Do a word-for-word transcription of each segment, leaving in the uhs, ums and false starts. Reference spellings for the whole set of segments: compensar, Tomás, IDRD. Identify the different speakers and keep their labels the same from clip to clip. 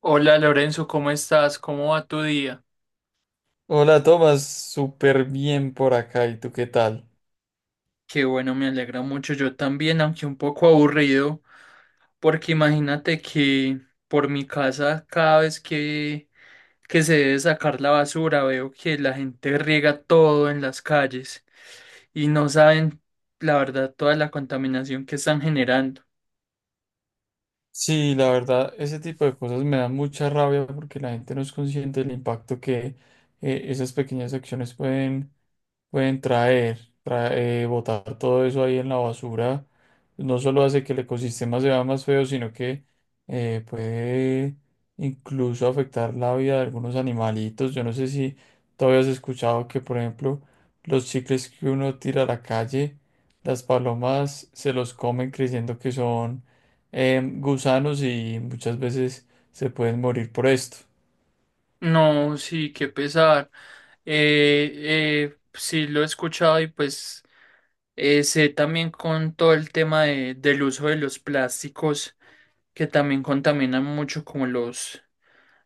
Speaker 1: Hola Lorenzo, ¿cómo estás? ¿Cómo va tu día?
Speaker 2: Hola, Tomás, súper bien por acá. ¿Y tú qué tal?
Speaker 1: Qué bueno, me alegra mucho. Yo también, aunque un poco aburrido, porque imagínate que por mi casa cada vez que, que se debe sacar la basura, veo que la gente riega todo en las calles y no saben, la verdad, toda la contaminación que están generando.
Speaker 2: Sí, la verdad, ese tipo de cosas me da mucha rabia porque la gente no es consciente del impacto que eh, esas pequeñas acciones pueden Pueden traer, traer, botar todo eso ahí en la basura. No solo hace que el ecosistema se vea más feo, sino que eh, puede incluso afectar la vida de algunos animalitos. Yo no sé si todavía has escuchado que, por ejemplo, los chicles que uno tira a la calle, las palomas se los comen creyendo que son em, gusanos, y muchas veces se pueden morir por esto.
Speaker 1: No, sí, qué pesar. Eh, eh, sí, lo he escuchado. Y pues Eh, sé también con todo el tema de- del uso de los plásticos, que también contaminan mucho, como los,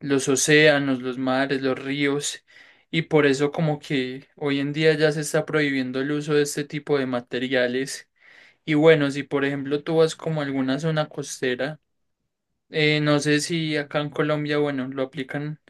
Speaker 1: los océanos, los mares, los ríos, y por eso como que hoy en día ya se está prohibiendo el uso de este tipo de materiales. Y bueno, si por ejemplo tú vas como a alguna zona costera, eh, no sé si acá en Colombia, bueno, lo aplican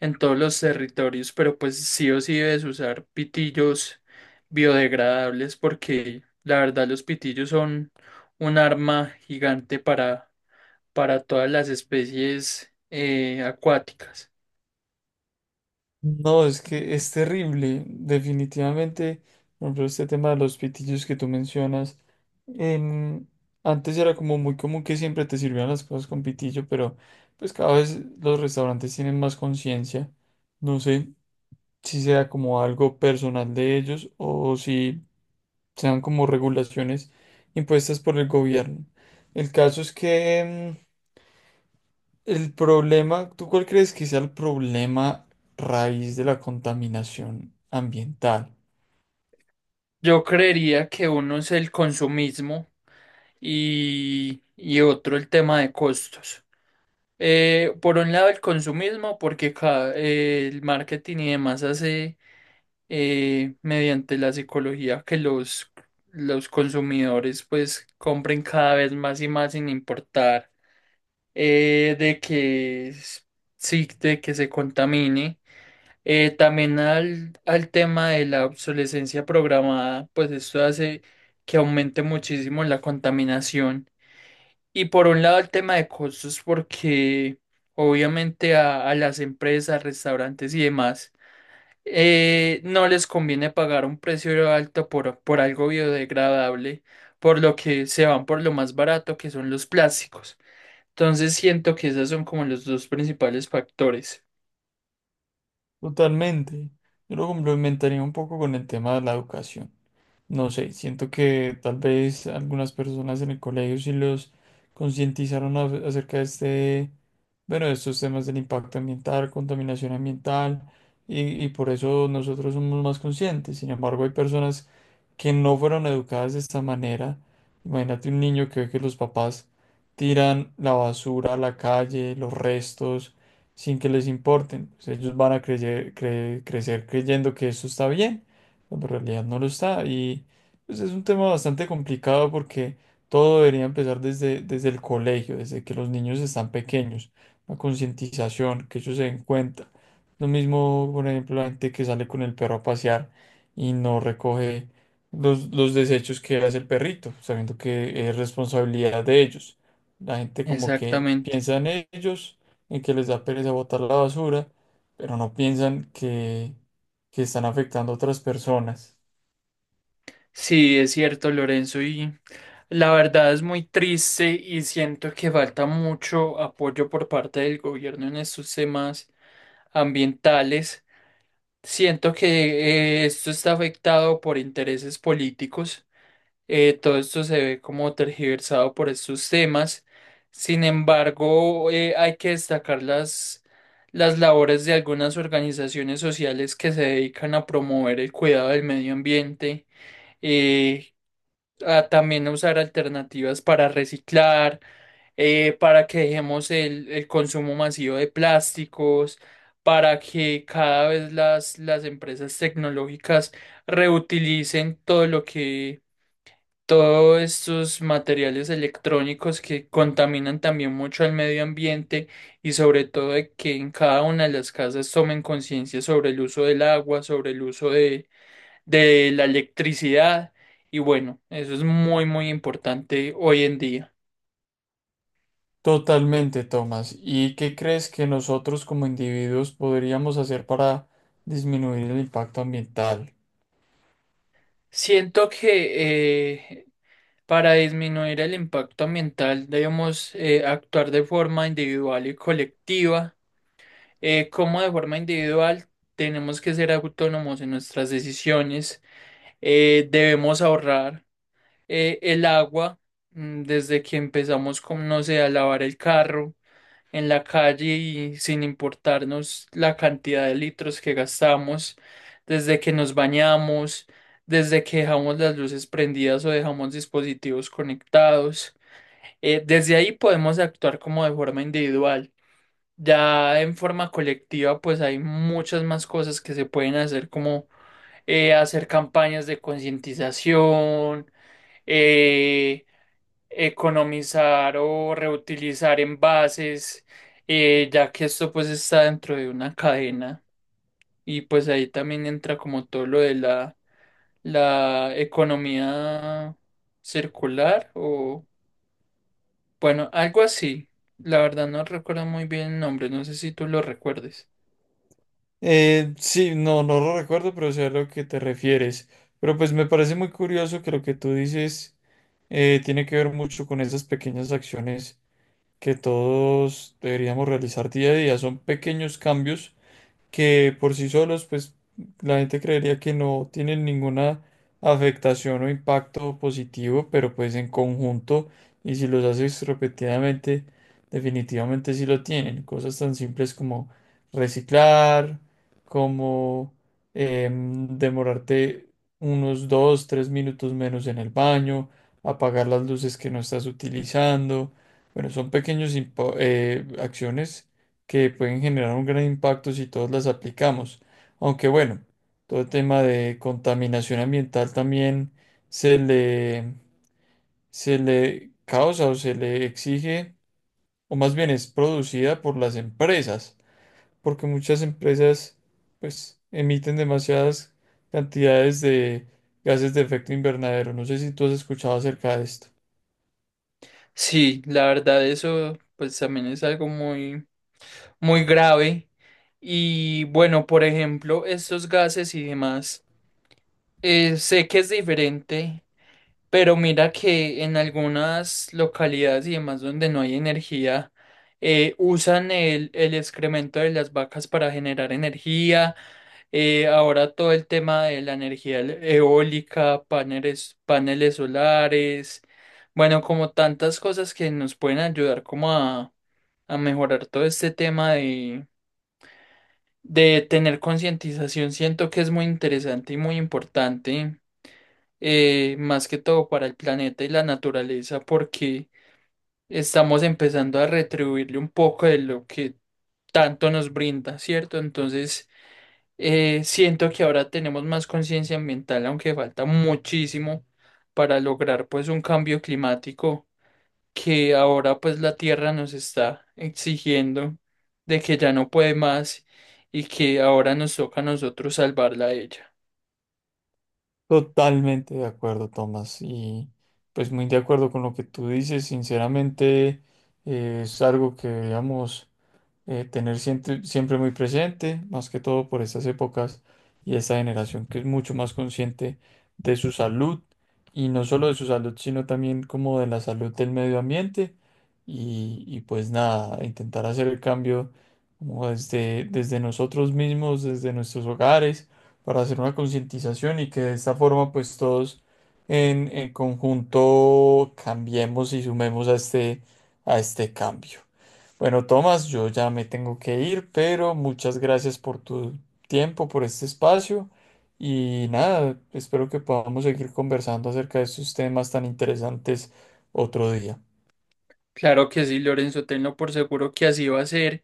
Speaker 1: en todos los territorios, pero pues sí o sí debes usar pitillos biodegradables, porque la verdad los pitillos son un arma gigante para, para todas las especies eh, acuáticas.
Speaker 2: No, es que es terrible, definitivamente. Por ejemplo, este tema de los pitillos que tú mencionas. em, Antes era como muy común que siempre te sirvieran las cosas con pitillo, pero pues cada vez los restaurantes tienen más conciencia. No sé si sea como algo personal de ellos o si sean como regulaciones impuestas por el gobierno. El caso es que el problema, ¿tú cuál crees que sea el problema raíz de la contaminación ambiental?
Speaker 1: Yo creería que uno es el consumismo y, y otro el tema de costos. Eh, por un lado el consumismo porque ca- eh, el marketing y demás hace, eh, mediante la psicología, que los, los consumidores pues compren cada vez más y más sin importar, eh, de que s- sí, de que se contamine. Eh, también al, al tema de la obsolescencia programada, pues esto hace que aumente muchísimo la contaminación. Y por un lado el tema de costos, porque obviamente a, a las empresas, restaurantes y demás, eh, no les conviene pagar un precio alto por, por algo biodegradable, por lo que se van por lo más barato, que son los plásticos. Entonces siento que esos son como los dos principales factores.
Speaker 2: Totalmente. Yo lo complementaría un poco con el tema de la educación. No sé, siento que tal vez algunas personas en el colegio sí los concientizaron a- acerca de este, bueno, de estos temas del impacto ambiental, contaminación ambiental, y, y por eso nosotros somos más conscientes. Sin embargo, hay personas que no fueron educadas de esta manera. Imagínate un niño que ve que los papás tiran la basura a la calle, los restos, sin que les importen. Pues ellos van a creye- cre- crecer creyendo que eso está bien cuando en realidad no lo está. Y pues, es un tema bastante complicado porque todo debería empezar desde, desde el colegio, desde que los niños están pequeños, la concientización, que ellos se den cuenta. Lo mismo, por ejemplo, la gente que sale con el perro a pasear y no recoge los, los desechos que hace el perrito, sabiendo que es responsabilidad de ellos. La gente como que
Speaker 1: Exactamente.
Speaker 2: piensa en ellos, en que les da pereza botar la basura, pero no piensan que que están afectando a otras personas.
Speaker 1: Sí, es cierto, Lorenzo, y la verdad es muy triste, y siento que falta mucho apoyo por parte del gobierno en estos temas ambientales. Siento que eh, esto está afectado por intereses políticos. Eh, todo esto se ve como tergiversado por estos temas. Sin embargo, eh, hay que destacar las, las labores de algunas organizaciones sociales que se dedican a promover el cuidado del medio ambiente, eh, a también usar alternativas para reciclar, eh, para que dejemos el, el consumo masivo de plásticos, para que cada vez las, las empresas tecnológicas reutilicen todo lo que todos estos materiales electrónicos que contaminan también mucho al medio ambiente, y sobre todo de que en cada una de las casas tomen conciencia sobre el uso del agua, sobre el uso de, de la electricidad. Y bueno, eso es muy muy importante hoy en día.
Speaker 2: Totalmente, Tomás. ¿Y qué crees que nosotros como individuos podríamos hacer para disminuir el impacto ambiental?
Speaker 1: Siento que eh, para disminuir el impacto ambiental debemos, eh, actuar de forma individual y colectiva. Eh, cómo de forma individual, tenemos que ser autónomos en nuestras decisiones, eh, debemos ahorrar, eh, el agua, mm, desde que empezamos con, no sé, a lavar el carro en la calle y sin importarnos la cantidad de litros que gastamos, desde que nos bañamos, desde que dejamos las luces prendidas o dejamos dispositivos conectados. Eh, desde ahí podemos actuar como de forma individual. Ya en forma colectiva, pues hay muchas más cosas que se pueden hacer, como eh, hacer campañas de concientización, eh, economizar o reutilizar envases, eh, ya que esto pues está dentro de una cadena, y pues ahí también entra como todo lo de la, la economía circular o bueno, algo así. La verdad no recuerdo muy bien el nombre, no sé si tú lo recuerdes.
Speaker 2: Eh, sí, no, no lo recuerdo, pero sé a lo que te refieres. Pero pues me parece muy curioso que lo que tú dices eh, tiene que ver mucho con esas pequeñas acciones que todos deberíamos realizar día a día. Son pequeños cambios que por sí solos, pues la gente creería que no tienen ninguna afectación o impacto positivo, pero pues en conjunto, y si los haces repetidamente, definitivamente sí lo tienen. Cosas tan simples como reciclar, como em, demorarte unos dos, tres minutos menos en el baño, apagar las luces que no estás utilizando. Bueno, son pequeñas acciones que pueden generar un gran impacto si todos las aplicamos. Aunque bueno, todo el tema de contaminación ambiental también se le, se le causa o se le exige, o más bien es producida por las empresas, porque muchas empresas pues emiten demasiadas cantidades de gases de efecto invernadero. No sé si tú has escuchado acerca de esto.
Speaker 1: Sí, la verdad eso pues también es algo muy muy grave. Y bueno, por ejemplo, estos gases y demás, eh, sé que es diferente, pero mira que en algunas localidades y demás donde no hay energía, eh, usan el, el excremento de las vacas para generar energía. Eh, ahora todo el tema de la energía e- eólica, paneles, paneles solares, bueno, como tantas cosas que nos pueden ayudar como a, a mejorar todo este tema de, de tener concientización. Siento que es muy interesante y muy importante, eh, más que todo para el planeta y la naturaleza, porque estamos empezando a retribuirle un poco de lo que tanto nos brinda, ¿cierto? Entonces Eh, siento que ahora tenemos más conciencia ambiental, aunque falta muchísimo para lograr pues un cambio climático, que ahora pues la Tierra nos está exigiendo de que ya no puede más y que ahora nos toca a nosotros salvarla a ella.
Speaker 2: Totalmente de acuerdo, Tomás, y pues muy de acuerdo con lo que tú dices. Sinceramente, eh, es algo que, digamos, eh, tener siempre, siempre muy presente, más que todo por estas épocas y esta generación que es mucho más consciente de su salud y no solo de su salud, sino también como de la salud del medio ambiente y, y pues nada, intentar hacer el cambio como desde, desde nosotros mismos, desde nuestros hogares, para hacer una concientización y que de esta forma pues todos en, en conjunto cambiemos y sumemos a este, a este cambio. Bueno, Tomás, yo ya me tengo que ir, pero muchas gracias por tu tiempo, por este espacio y nada, espero que podamos seguir conversando acerca de estos temas tan interesantes otro día.
Speaker 1: Claro que sí, Lorenzo, tenlo por seguro que así va a ser,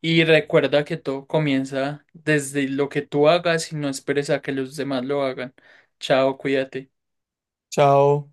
Speaker 1: y recuerda que todo comienza desde lo que tú hagas y no esperes a que los demás lo hagan. Chao, cuídate.
Speaker 2: Chao.